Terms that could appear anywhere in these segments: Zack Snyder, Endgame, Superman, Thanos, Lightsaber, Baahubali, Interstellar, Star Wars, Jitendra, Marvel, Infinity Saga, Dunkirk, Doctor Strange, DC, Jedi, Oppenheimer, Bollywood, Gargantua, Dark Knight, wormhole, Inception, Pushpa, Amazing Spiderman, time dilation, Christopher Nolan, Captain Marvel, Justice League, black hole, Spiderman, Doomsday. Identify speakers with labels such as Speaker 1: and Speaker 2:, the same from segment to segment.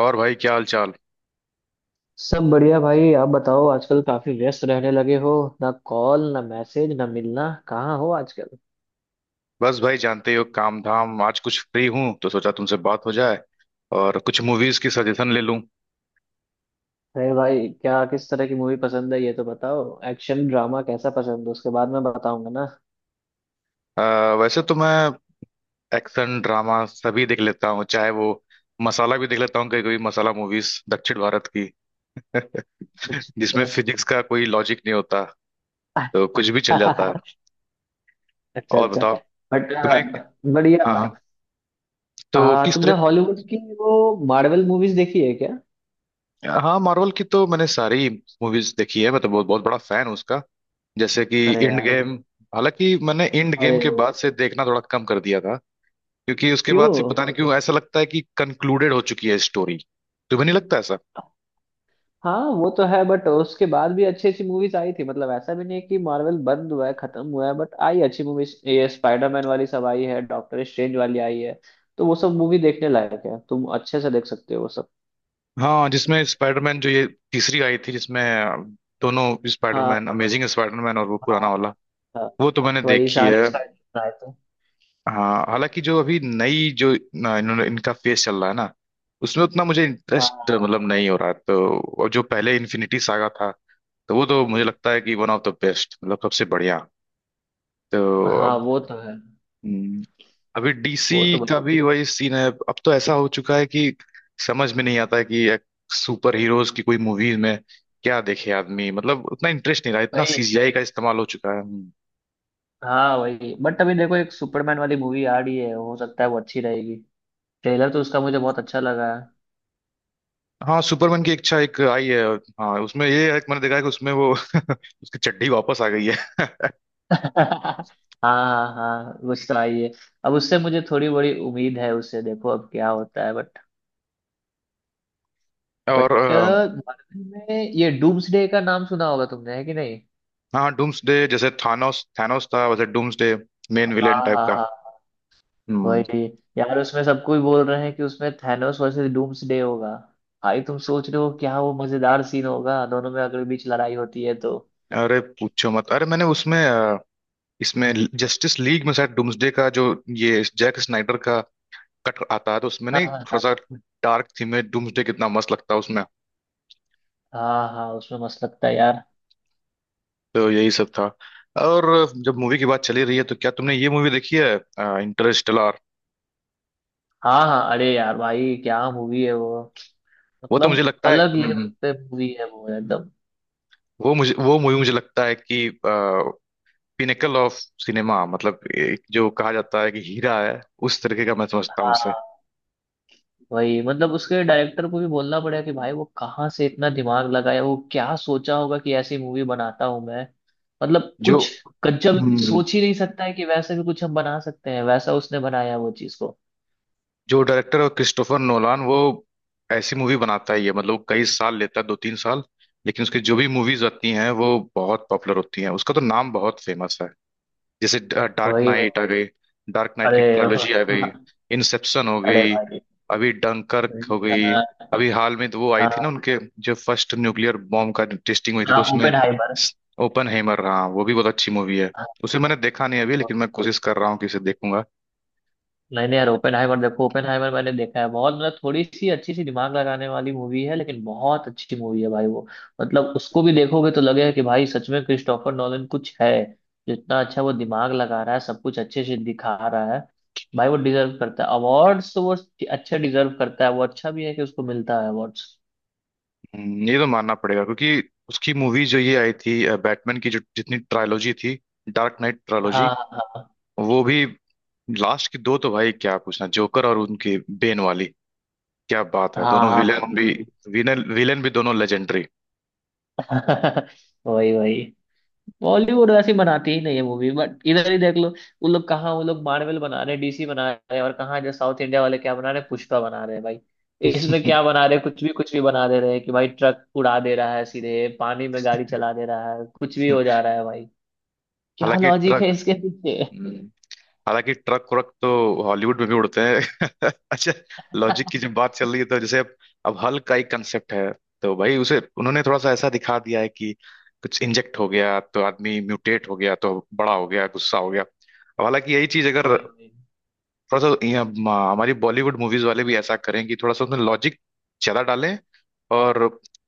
Speaker 1: और भाई क्या हाल चाल।
Speaker 2: सब बढ़िया भाई। आप बताओ, आजकल काफी व्यस्त रहने लगे हो। ना कॉल, ना मैसेज, ना मिलना, कहाँ हो आजकल?
Speaker 1: बस भाई जानते ही हो काम धाम। आज कुछ फ्री हूँ तो सोचा तुमसे बात हो जाए और कुछ मूवीज की सजेशन ले लूँ।
Speaker 2: अरे भाई क्या, किस तरह की मूवी पसंद है ये तो बताओ। एक्शन ड्रामा कैसा पसंद है, उसके बाद मैं बताऊंगा ना।
Speaker 1: अ, वैसे तो मैं एक्शन ड्रामा सभी देख लेता हूँ, चाहे वो मसाला भी देख लेता हूँ। कभी कभी मसाला मूवीज दक्षिण भारत की जिसमें
Speaker 2: अच्छा
Speaker 1: फिजिक्स का कोई लॉजिक नहीं होता, तो कुछ भी चल जाता है।
Speaker 2: अच्छा। अच्छा
Speaker 1: और
Speaker 2: अच्छा।
Speaker 1: बताओ
Speaker 2: बट
Speaker 1: तुम्हें।
Speaker 2: बढ़िया।
Speaker 1: हाँ हाँ। तो
Speaker 2: हाँ
Speaker 1: किस
Speaker 2: तुमने
Speaker 1: तरह।
Speaker 2: हॉलीवुड की वो मार्वल मूवीज देखी है क्या?
Speaker 1: हाँ, मार्वल की तो मैंने सारी मूवीज देखी है। मैं तो बहुत बहुत बड़ा फैन हूँ उसका। जैसे कि
Speaker 2: अरे
Speaker 1: इंड
Speaker 2: यार।
Speaker 1: गेम। हालांकि मैंने इंड गेम
Speaker 2: अरे
Speaker 1: के बाद से देखना थोड़ा कम कर दिया था, क्योंकि उसके बाद से
Speaker 2: क्यों?
Speaker 1: पता नहीं क्यों ऐसा लगता है कि कंक्लूडेड हो चुकी है स्टोरी। तुम्हें नहीं लगता ऐसा?
Speaker 2: हाँ वो तो है, बट उसके बाद भी अच्छी अच्छी मूवीज आई थी। मतलब ऐसा भी नहीं है कि मार्वल बंद हुआ है, खत्म हुआ है। बट आई अच्छी मूवीज, ये स्पाइडरमैन वाली सब आई है, डॉक्टर स्ट्रेंज वाली आई है। तो वो सब मूवी देखने लायक है, तुम अच्छे से देख सकते हो वो सब।
Speaker 1: हाँ, जिसमें स्पाइडरमैन जो ये तीसरी आई थी, जिसमें दोनों
Speaker 2: हाँ
Speaker 1: स्पाइडरमैन, अमेजिंग स्पाइडरमैन और वो
Speaker 2: हाँ
Speaker 1: पुराना वाला,
Speaker 2: हाँ।
Speaker 1: वो तो मैंने
Speaker 2: वही
Speaker 1: देखी है।
Speaker 2: सारे स्पाइडर आए थे।
Speaker 1: हाँ, हालांकि जो अभी नई जो ना, इन्होंने इनका फेस चल रहा है ना, उसमें उतना मुझे इंटरेस्ट
Speaker 2: हाँ
Speaker 1: मतलब नहीं हो रहा है तो। और जो पहले इन्फिनिटी सागा था, तो वो तो मुझे लगता है कि वन ऑफ द बेस्ट, मतलब सबसे बढ़िया। तो
Speaker 2: हाँ
Speaker 1: अब
Speaker 2: वो तो है।
Speaker 1: हम्म, अभी डीसी
Speaker 2: वो तो वही
Speaker 1: का भी वही सीन है। अब तो ऐसा हो चुका है कि समझ में नहीं आता है कि एक सुपर हीरोज की कोई मूवीज में क्या देखे आदमी। मतलब उतना इंटरेस्ट नहीं रहा, इतना
Speaker 2: वही।
Speaker 1: सीजीआई का इस्तेमाल हो चुका है
Speaker 2: हाँ वही, बट अभी देखो एक सुपरमैन वाली मूवी आ रही है, हो सकता है वो अच्छी रहेगी। ट्रेलर तो उसका मुझे बहुत अच्छा लगा है।
Speaker 1: हाँ, सुपरमैन की इच्छा एक आई है। हाँ, उसमें ये है कि मैंने देखा है कि उसमें वो उसकी चड्डी वापस आ गई है।
Speaker 2: हाँ हाँ, गुस्सा आई है। अब उससे मुझे थोड़ी बड़ी उम्मीद है, उससे देखो अब क्या होता है।
Speaker 1: और
Speaker 2: बट मार्वल में ये डूम्सडे का नाम सुना होगा तुमने, है कि नहीं?
Speaker 1: हाँ, डूम्सडे, जैसे थानोस थानोस था वैसे डूम्सडे, मेन
Speaker 2: हाँ
Speaker 1: विलेन टाइप
Speaker 2: हाँ
Speaker 1: का।
Speaker 2: हाँ।
Speaker 1: हम्म।
Speaker 2: वही। यार उसमें सब कोई बोल रहे हैं कि उसमें थैनोस वर्सेस डूम्सडे होगा। भाई तुम सोच रहे हो क्या, वो मजेदार सीन होगा दोनों में अगर बीच लड़ाई होती है तो।
Speaker 1: अरे पूछो मत। अरे मैंने उसमें इसमें जस्टिस लीग में शायद डूम्सडे का जो ये जैक स्नाइडर का कट आता है तो उसमें
Speaker 2: हाँ
Speaker 1: नहीं
Speaker 2: हाँ
Speaker 1: थोड़ा
Speaker 2: हाँ।
Speaker 1: सा डार्क थीम में डूम्सडे कितना मस्त लगता है उसमें।
Speaker 2: हाँ हाँ, उसमें मस्त लगता है यार।
Speaker 1: तो यही सब था। और जब मूवी की बात चली रही है, तो क्या तुमने ये मूवी देखी है? इंटरस्टेलर।
Speaker 2: हाँ हाँ अरे यार भाई, क्या मूवी है वो।
Speaker 1: वो तो मुझे
Speaker 2: मतलब
Speaker 1: लगता है
Speaker 2: अलग लेवल पे मूवी है वो एकदम।
Speaker 1: वो मुझे वो मूवी मुझे लगता है कि पिनेकल ऑफ सिनेमा। मतलब एक जो कहा जाता है कि हीरा है, उस तरीके का मैं समझता हूँ उसे।
Speaker 2: हाँ वही, मतलब उसके डायरेक्टर को भी बोलना पड़ेगा कि भाई वो कहाँ से इतना दिमाग लगाया, वो क्या सोचा होगा कि ऐसी मूवी बनाता हूँ मैं। मतलब
Speaker 1: जो
Speaker 2: कुछ कच्चा भी कोई सोच ही नहीं सकता है कि वैसे भी कुछ हम बना सकते हैं, वैसा उसने बनाया वो चीज को।
Speaker 1: जो डायरेक्टर है क्रिस्टोफर नोलान, वो ऐसी मूवी बनाता ही है। मतलब वो कई साल लेता है, 2 3 साल, लेकिन उसकी जो भी मूवीज आती हैं वो बहुत पॉपुलर होती हैं। उसका तो नाम बहुत फेमस है। जैसे डार्क
Speaker 2: वही वही।
Speaker 1: नाइट आ गई, डार्क नाइट की
Speaker 2: अरे
Speaker 1: ट्रायलॉजी आ गई, इंसेप्शन हो
Speaker 2: अरे
Speaker 1: गई,
Speaker 2: भाई।
Speaker 1: अभी डंकर्क हो गई। अभी हाल में तो वो आई थी ना
Speaker 2: हाँ
Speaker 1: उनके, जो फर्स्ट न्यूक्लियर बॉम्ब का टेस्टिंग हुई थी
Speaker 2: हाँ,
Speaker 1: तो उसमें।
Speaker 2: ओपेनहाइमर।
Speaker 1: ओपन हेमर रहा, वो भी बहुत अच्छी मूवी है। उसे मैंने देखा नहीं अभी, लेकिन मैं कोशिश कर रहा हूँ कि उसे देखूंगा।
Speaker 2: नहीं नहीं यार, ओपेनहाइमर देखो। ओपेनहाइमर मैंने देखा है, बहुत मतलब थोड़ी सी अच्छी सी दिमाग लगाने वाली मूवी है, लेकिन बहुत अच्छी मूवी है भाई वो। मतलब उसको भी देखोगे तो लगेगा कि भाई सच में क्रिस्टोफर नॉलन कुछ है। जितना अच्छा वो दिमाग लगा रहा है, सब कुछ अच्छे से दिखा रहा है। भाई वो डिजर्व करता है अवार्ड्स तो वो अच्छा डिजर्व करता है, वो अच्छा भी है कि उसको मिलता है अवार्ड्स।
Speaker 1: ये तो मानना पड़ेगा, क्योंकि उसकी मूवी जो ये आई थी, बैटमैन की जो जितनी ट्रायोलॉजी थी, डार्क नाइट ट्रायोलॉजी,
Speaker 2: हाँ हाँ।
Speaker 1: वो भी लास्ट की दो तो भाई क्या पूछना, जोकर और उनकी बेन वाली, क्या बात है,
Speaker 2: हाँ
Speaker 1: दोनों
Speaker 2: हाँ
Speaker 1: विलेन भी
Speaker 2: बहुत।
Speaker 1: विलेन विलेन भी दोनों लेजेंडरी।
Speaker 2: वही वही। बॉलीवुड वैसी बनाती ही नहीं है मूवी, बट इधर ही देख लो। वो लोग कहाँ, वो लोग मार्वल बना रहे हैं, डीसी बना रहे हैं, और कहाँ जो साउथ इंडिया वाले क्या बना रहे हैं, पुष्पा बना रहे हैं भाई। इसमें क्या बना रहे हैं, कुछ भी बना दे रहे हैं कि भाई ट्रक उड़ा दे रहा है, सीधे पानी में गाड़ी चला दे रहा है, कुछ भी हो जा रहा है भाई। क्या
Speaker 1: हालांकि
Speaker 2: लॉजिक
Speaker 1: ट्रक
Speaker 2: है इसके पीछे?
Speaker 1: हम्म। हालांकि ट्रक व्रक तो हॉलीवुड में भी उड़ते हैं। अच्छा, लॉजिक की जब बात चल रही है तो जैसे अब हल का एक कंसेप्ट है, तो भाई उसे उन्होंने थोड़ा सा ऐसा दिखा दिया है कि कुछ इंजेक्ट हो गया तो आदमी म्यूटेट हो गया, तो बड़ा हो गया, गुस्सा हो गया। अब हालांकि यही चीज अगर
Speaker 2: वही वही।
Speaker 1: थोड़ा सा यहाँ हमारी बॉलीवुड मूवीज वाले भी ऐसा करें कि थोड़ा सा उसमें लॉजिक ज्यादा डालें और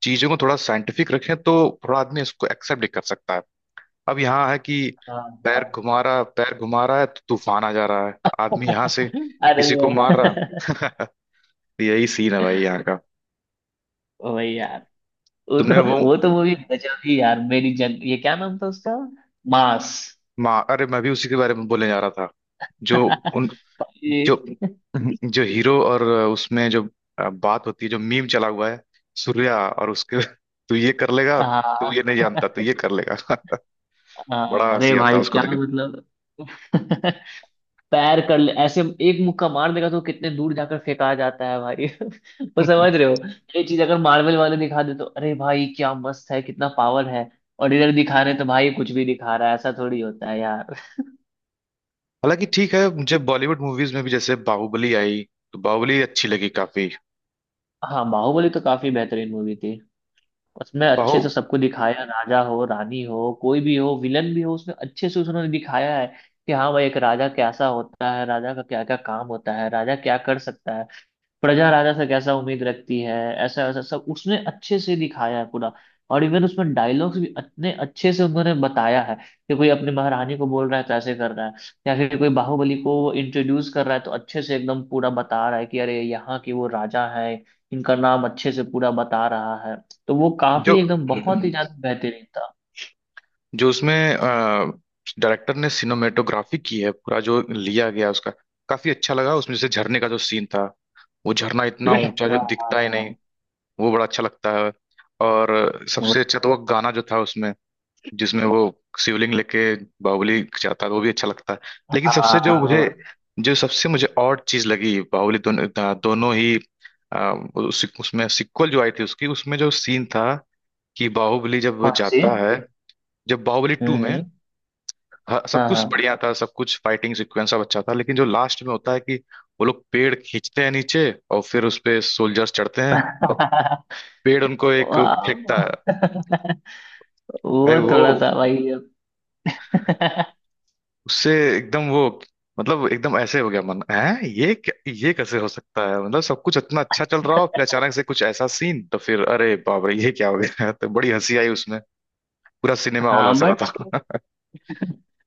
Speaker 1: चीजों को थोड़ा साइंटिफिक रखें, तो थोड़ा आदमी इसको एक्सेप्ट भी कर सकता है। अब यहाँ है कि
Speaker 2: हाँ हाँ।
Speaker 1: पैर घुमा रहा है तो तूफान आ जा रहा है, आदमी यहाँ से
Speaker 2: अरे।
Speaker 1: किसी को मार रहा। यही सीन है भाई यहाँ का।
Speaker 2: वही यार। वो
Speaker 1: तुमने
Speaker 2: तो
Speaker 1: वो
Speaker 2: वो तो मूवी गजब ही यार मेरी जन, ये क्या नाम था उसका? मास।
Speaker 1: माँ, अरे मैं भी उसी के बारे में बोलने जा रहा था, जो उन जो जो हीरो और उसमें जो बात होती है, जो मीम चला हुआ है सूर्या और उसके तू ये कर लेगा,
Speaker 2: हाँ
Speaker 1: तू ये नहीं
Speaker 2: हाँ,
Speaker 1: जानता, तू ये कर लेगा। बड़ा
Speaker 2: अरे
Speaker 1: हंसी आता
Speaker 2: भाई
Speaker 1: है उसको
Speaker 2: क्या
Speaker 1: देखे।
Speaker 2: मतलब। पैर कर ले ऐसे, एक मुक्का मार देगा तो कितने दूर जाकर फेंका जाता है भाई। वो समझ रहे हो? ये चीज अगर मार्वल वाले दिखा दे तो अरे भाई क्या मस्त है, कितना पावर है। और इधर दिखा रहे हैं तो भाई कुछ भी दिखा रहा है, ऐसा थोड़ी होता है यार।
Speaker 1: हालांकि ठीक है, मुझे बॉलीवुड मूवीज में भी जैसे बाहुबली आई, तो बाहुबली अच्छी लगी काफी।
Speaker 2: हाँ बाहुबली तो काफी बेहतरीन मूवी थी। उसमें
Speaker 1: बाहु
Speaker 2: अच्छे से सबको दिखाया, राजा हो रानी हो कोई भी हो विलन भी हो, उसमें अच्छे से उन्होंने दिखाया है कि हाँ भाई एक राजा कैसा होता है, राजा का क्या क्या काम होता है, राजा क्या कर सकता है। प्रजा राजा से कैसा उम्मीद रखती है। ऐसा वैसा सब उसने अच्छे से दिखाया है पूरा। और इवन उसमें डायलॉग्स भी इतने अच्छे से उन्होंने बताया है कि कोई अपनी महारानी को बोल रहा है तो ऐसे कर रहा है। या फिर कोई बाहुबली को इंट्रोड्यूस कर रहा है तो अच्छे से एकदम पूरा बता रहा है कि अरे यहाँ के वो राजा है, इनका नाम अच्छे से पूरा बता रहा है। तो वो
Speaker 1: जो
Speaker 2: काफी एकदम बहुत ही ज्यादा बेहतरीन था।
Speaker 1: जो उसमें डायरेक्टर ने सिनेमेटोग्राफी की है, पूरा जो लिया गया उसका काफी अच्छा लगा। उसमें जैसे झरने का जो सीन था, वो झरना इतना ऊंचा, जो
Speaker 2: हाँ हाँ
Speaker 1: दिखता ही नहीं,
Speaker 2: हाँ।
Speaker 1: वो बड़ा अच्छा लगता है। और सबसे
Speaker 2: वही।
Speaker 1: अच्छा तो वो गाना जो था उसमें, जिसमें वो शिवलिंग लेके बाहुबली जाता है, वो भी अच्छा लगता है। लेकिन
Speaker 2: हाँ
Speaker 1: सबसे जो
Speaker 2: हाँ,
Speaker 1: मुझे,
Speaker 2: वही।
Speaker 1: जो सबसे मुझे और चीज लगी, बाहुबली दोनों दोनों ही अ, उसमें सिक्वल जो आई थी उसकी, उसमें जो सीन था कि बाहुबली जब वो
Speaker 2: कौन सी?
Speaker 1: जाता है, जब बाहुबली टू
Speaker 2: हम्म
Speaker 1: में
Speaker 2: हम्म,
Speaker 1: सब
Speaker 2: हाँ
Speaker 1: कुछ
Speaker 2: हाँ।
Speaker 1: बढ़िया था, सब कुछ फाइटिंग सीक्वेंस सब अच्छा था, लेकिन जो लास्ट में होता है कि वो लोग पेड़ खींचते हैं नीचे और फिर उस पे सोल्जर्स चढ़ते हैं और पेड़ उनको एक
Speaker 2: वाह।
Speaker 1: फेंकता है, भाई
Speaker 2: वो
Speaker 1: वो,
Speaker 2: थोड़ा सा भाई अब।
Speaker 1: उससे एकदम वो, मतलब एकदम ऐसे हो गया मन है ये ये कैसे हो सकता है, मतलब सब कुछ इतना अच्छा चल रहा हो फिर अचानक से कुछ ऐसा सीन, तो फिर अरे बाप रे ये क्या हो गया। तो बड़ी हंसी आई उसमें। पूरा सिनेमा हॉल
Speaker 2: हाँ
Speaker 1: हंस रहा था।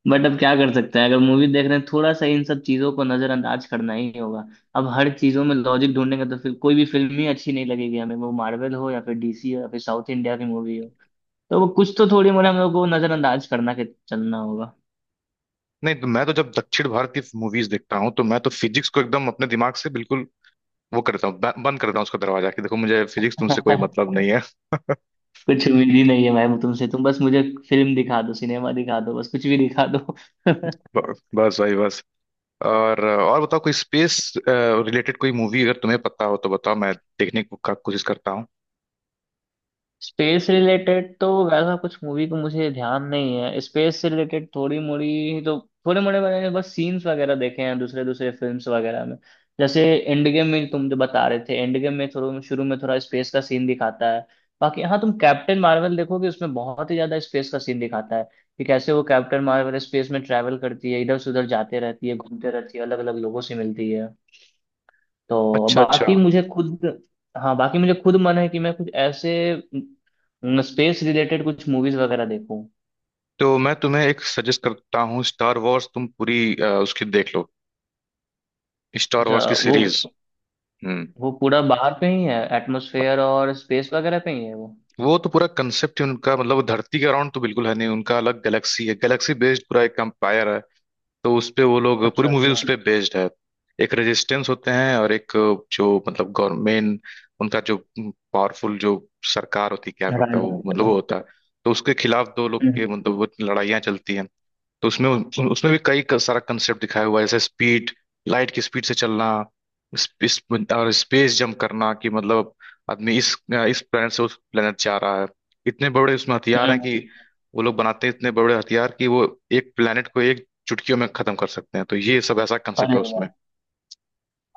Speaker 2: बट अब क्या कर सकते हैं, अगर मूवी देख रहे हैं थोड़ा सा इन सब चीजों को नजरअंदाज करना ही होगा। अब हर चीजों में लॉजिक ढूंढेंगे तो फिर कोई भी फिल्म ही अच्छी नहीं लगेगी हमें, वो मार्वल हो या फिर डीसी हो या फिर साउथ इंडिया की मूवी हो। तो वो कुछ तो थोड़ी मोड़ी हम लोग को नजरअंदाज करना के चलना होगा।
Speaker 1: नहीं तो मैं तो जब दक्षिण भारत की मूवीज देखता हूँ तो मैं तो फिजिक्स को एकदम अपने दिमाग से बिल्कुल वो करता हूँ, बंद करता हूँ उसका दरवाजा, कि देखो मुझे फिजिक्स तुमसे कोई मतलब नहीं है।
Speaker 2: कुछ उम्मीद ही नहीं है मैम तुमसे, तुम बस मुझे फिल्म दिखा दो, सिनेमा दिखा दो, बस कुछ भी दिखा दो।
Speaker 1: बस भाई बस। और बताओ, कोई स्पेस रिलेटेड कोई मूवी अगर तुम्हें पता हो तो बताओ, मैं का कोशिश करता हूँ।
Speaker 2: स्पेस रिलेटेड तो वैसा कुछ मूवी को मुझे ध्यान नहीं है। स्पेस से रिलेटेड थोड़ी मोड़ी तो थोड़े मोड़े मैंने तो बस सीन्स वगैरह देखे हैं दूसरे दूसरे फिल्म्स वगैरह में। जैसे एंड गेम में तुम जो बता रहे थे, एंड गेम में थोड़ा शुरू में थोड़ा स्पेस का सीन दिखाता है। बाकी हाँ, तुम कैप्टन मार्वल देखोगे, उसमें बहुत ही ज्यादा स्पेस का सीन दिखाता है कि कैसे वो कैप्टन मार्वल स्पेस में ट्रैवल करती है, इधर से उधर जाते रहती है, घूमते रहती है, अलग अलग लोगों से मिलती है। तो
Speaker 1: अच्छा, अच्छा।
Speaker 2: बाकी मुझे खुद। हाँ बाकी मुझे खुद मन है कि मैं कुछ ऐसे स्पेस रिलेटेड कुछ मूवीज वगैरह देखूं।
Speaker 1: तो मैं तुम्हें एक सजेस्ट करता हूँ, स्टार वॉर्स तुम पूरी उसकी देख लो, स्टार
Speaker 2: अच्छा
Speaker 1: वॉर्स की
Speaker 2: वो
Speaker 1: सीरीज। हम्म।
Speaker 2: वो पूरा बाहर पे ही है, एटमॉस्फेयर और स्पेस वगैरह पे ही है वो।
Speaker 1: वो तो पूरा कंसेप्ट ही उनका, मतलब वो धरती के अराउंड तो बिल्कुल है नहीं, उनका अलग गैलेक्सी है, गैलेक्सी बेस्ड पूरा एक एम्पायर है, तो उस पे वो लोग पूरी
Speaker 2: अच्छा
Speaker 1: मूवी
Speaker 2: अच्छा।
Speaker 1: उस पे बेस्ड है। एक रेजिस्टेंस होते हैं और एक जो मतलब गवर्नमेंट, उनका जो पावरफुल जो सरकार होती है क्या करता है
Speaker 2: राजा।
Speaker 1: वो, मतलब वो होता है, तो उसके खिलाफ दो लोग के
Speaker 2: हम्म,
Speaker 1: मतलब वो लड़ाइयाँ चलती हैं। तो उसमें उसमें भी कई सारा कंसेप्ट दिखाया हुआ है, जैसे स्पीड, लाइट की स्पीड से चलना, स्पेस और स्पेस जंप करना, कि मतलब आदमी इस planet से उस planet जा रहा है। इतने बड़े उसमें हथियार हैं
Speaker 2: हम्म।
Speaker 1: कि वो लोग बनाते हैं इतने बड़े हथियार कि वो एक planet को एक चुटकियों में खत्म कर सकते हैं, तो ये सब ऐसा कंसेप्ट
Speaker 2: अरे
Speaker 1: है उसमें।
Speaker 2: वाह।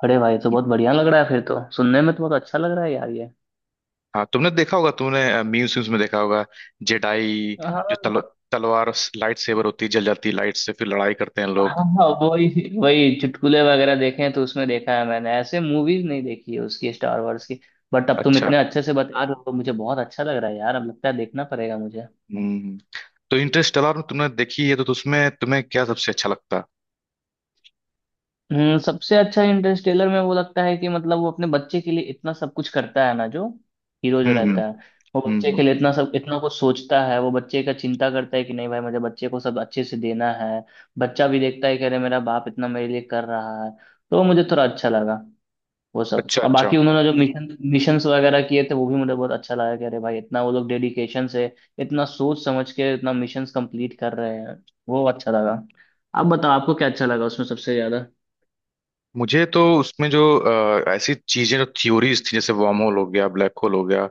Speaker 2: अरे भाई तो बहुत बढ़िया लग रहा है, फिर तो सुनने में तो बहुत अच्छा लग रहा है यार ये।
Speaker 1: हाँ, तुमने देखा होगा, तुमने मीम्स वीम्स में देखा होगा, जेडाई जो
Speaker 2: हाँ
Speaker 1: तलवार, लाइट सेवर होती है, जल जाती है लाइट से, फिर लड़ाई करते हैं लोग।
Speaker 2: हाँ हाँ। वही वही चुटकुले वगैरह देखे हैं तो उसमें देखा है मैंने, ऐसे मूवीज नहीं देखी है उसकी स्टार वॉर्स की। बट अब तुम
Speaker 1: अच्छा।
Speaker 2: इतने अच्छे से बता रहे हो तो मुझे बहुत अच्छा लग रहा है यार, अब लगता है देखना पड़ेगा मुझे।
Speaker 1: हम्म। तो इंटरस्टेलर में तुमने देखी है, तो उसमें तुम्हें क्या सबसे अच्छा लगता है?
Speaker 2: हम्म, सबसे अच्छा इंटरस्टेलर में वो लगता है कि मतलब वो अपने बच्चे के लिए इतना सब कुछ करता है ना, जो हीरो जो
Speaker 1: हम्म। हम्म।
Speaker 2: रहता है। वो बच्चे के
Speaker 1: हम्म।
Speaker 2: लिए इतना सब इतना कुछ सोचता है, वो बच्चे का चिंता करता है कि नहीं भाई मुझे बच्चे को सब अच्छे से देना है। बच्चा भी देखता है कि अरे मेरा बाप इतना मेरे लिए कर रहा है। तो वो मुझे थोड़ा अच्छा लगा वो सब।
Speaker 1: अच्छा।
Speaker 2: और
Speaker 1: अच्छा।
Speaker 2: बाकी उन्होंने जो मिशन मिशंस वगैरह किए थे वो भी मुझे बहुत अच्छा लगा कि अरे भाई इतना वो लोग डेडिकेशन से इतना सोच समझ के इतना मिशंस कंप्लीट कर रहे हैं। वो अच्छा लगा। आप बताओ आपको क्या अच्छा लगा उसमें सबसे ज्यादा?
Speaker 1: मुझे तो उसमें जो ऐसी चीजें जो थ्योरीज थी, जैसे वर्म होल हो गया, ब्लैक होल हो गया,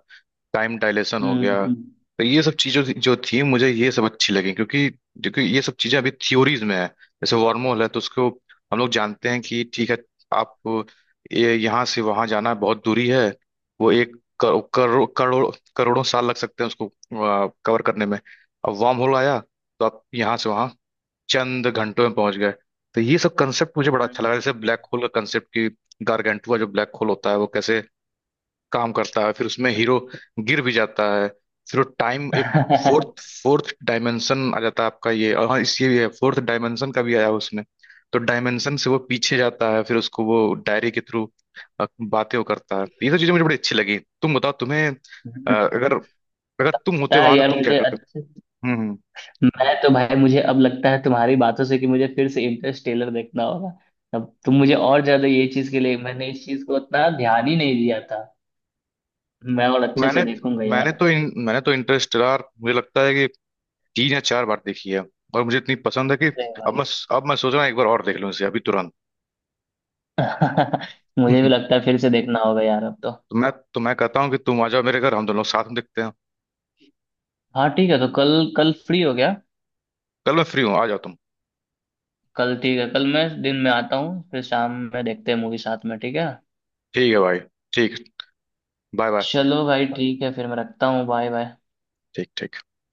Speaker 1: टाइम डायलेशन हो गया,
Speaker 2: हम्म।
Speaker 1: तो ये सब चीजों जो थी मुझे ये सब अच्छी लगी, क्योंकि क्योंकि ये सब चीजें अभी थ्योरीज में है। जैसे वर्महोल है, तो उसको हम लोग जानते हैं कि ठीक है, आप ये यहाँ से वहां जाना बहुत दूरी है, वो एक करो- करो- करोड़ों साल लग सकते हैं उसको कवर करने में। अब वर्म होल आया, तो आप यहाँ से वहां चंद घंटों में पहुंच गए। तो ये सब कंसेप्ट मुझे बड़ा अच्छा लगा। जैसे ब्लैक होल का कंसेप्ट कि गारगेंटुआ जो ब्लैक होल होता है वो कैसे काम करता है, फिर उसमें हीरो गिर भी जाता है, फिर वो टाइम एक फोर्थ फोर्थ डायमेंशन आ जाता है आपका ये, और हाँ इस ये भी है फोर्थ डायमेंशन का भी आया उसमें। तो डायमेंशन से वो पीछे जाता है फिर उसको वो डायरी के थ्रू बातें वो करता है, ये सब चीजें मुझे बड़ी अच्छी लगी। तुम बताओ तुम्हें
Speaker 2: हम्म।
Speaker 1: अगर अगर तुम होते
Speaker 2: ता
Speaker 1: वहां तो
Speaker 2: यार
Speaker 1: तुम क्या
Speaker 2: मुझे
Speaker 1: करते?
Speaker 2: अच्छे।
Speaker 1: हम्म। हम्म।
Speaker 2: मैं तो भाई, मुझे अब लगता है तुम्हारी बातों से कि मुझे फिर से इंटरस्टेलर देखना होगा। अब तुम मुझे और ज्यादा ये चीज के लिए, मैंने इस चीज को उतना ध्यान ही नहीं दिया था, मैं और अच्छे
Speaker 1: मैंने
Speaker 2: से देखूंगा
Speaker 1: मैंने
Speaker 2: यार।
Speaker 1: तो इन, मैंने तो इंटरस्टेलर मुझे लगता है कि 3 या 4 बार देखी है, और मुझे इतनी पसंद है कि
Speaker 2: अरे
Speaker 1: अब
Speaker 2: भाई।
Speaker 1: मैं अब मैं सोच रहा हूँ एक बार और देख लूँ इसे अभी तुरंत।
Speaker 2: मुझे भी लगता है फिर से देखना होगा यार अब तो।
Speaker 1: तो मैं कहता हूँ कि तुम आ जाओ मेरे घर, हम दोनों लोग साथ में देखते हैं।
Speaker 2: हाँ ठीक है तो कल, कल फ्री हो गया।
Speaker 1: कल मैं फ्री हूँ, आ जाओ तुम।
Speaker 2: कल ठीक है, कल मैं दिन में आता हूँ, फिर शाम में देखते हैं मूवी साथ में, ठीक है।
Speaker 1: ठीक है भाई। ठीक। Bye bye.
Speaker 2: चलो भाई ठीक है, फिर मैं रखता हूँ, बाय बाय।
Speaker 1: ठीक ठीक।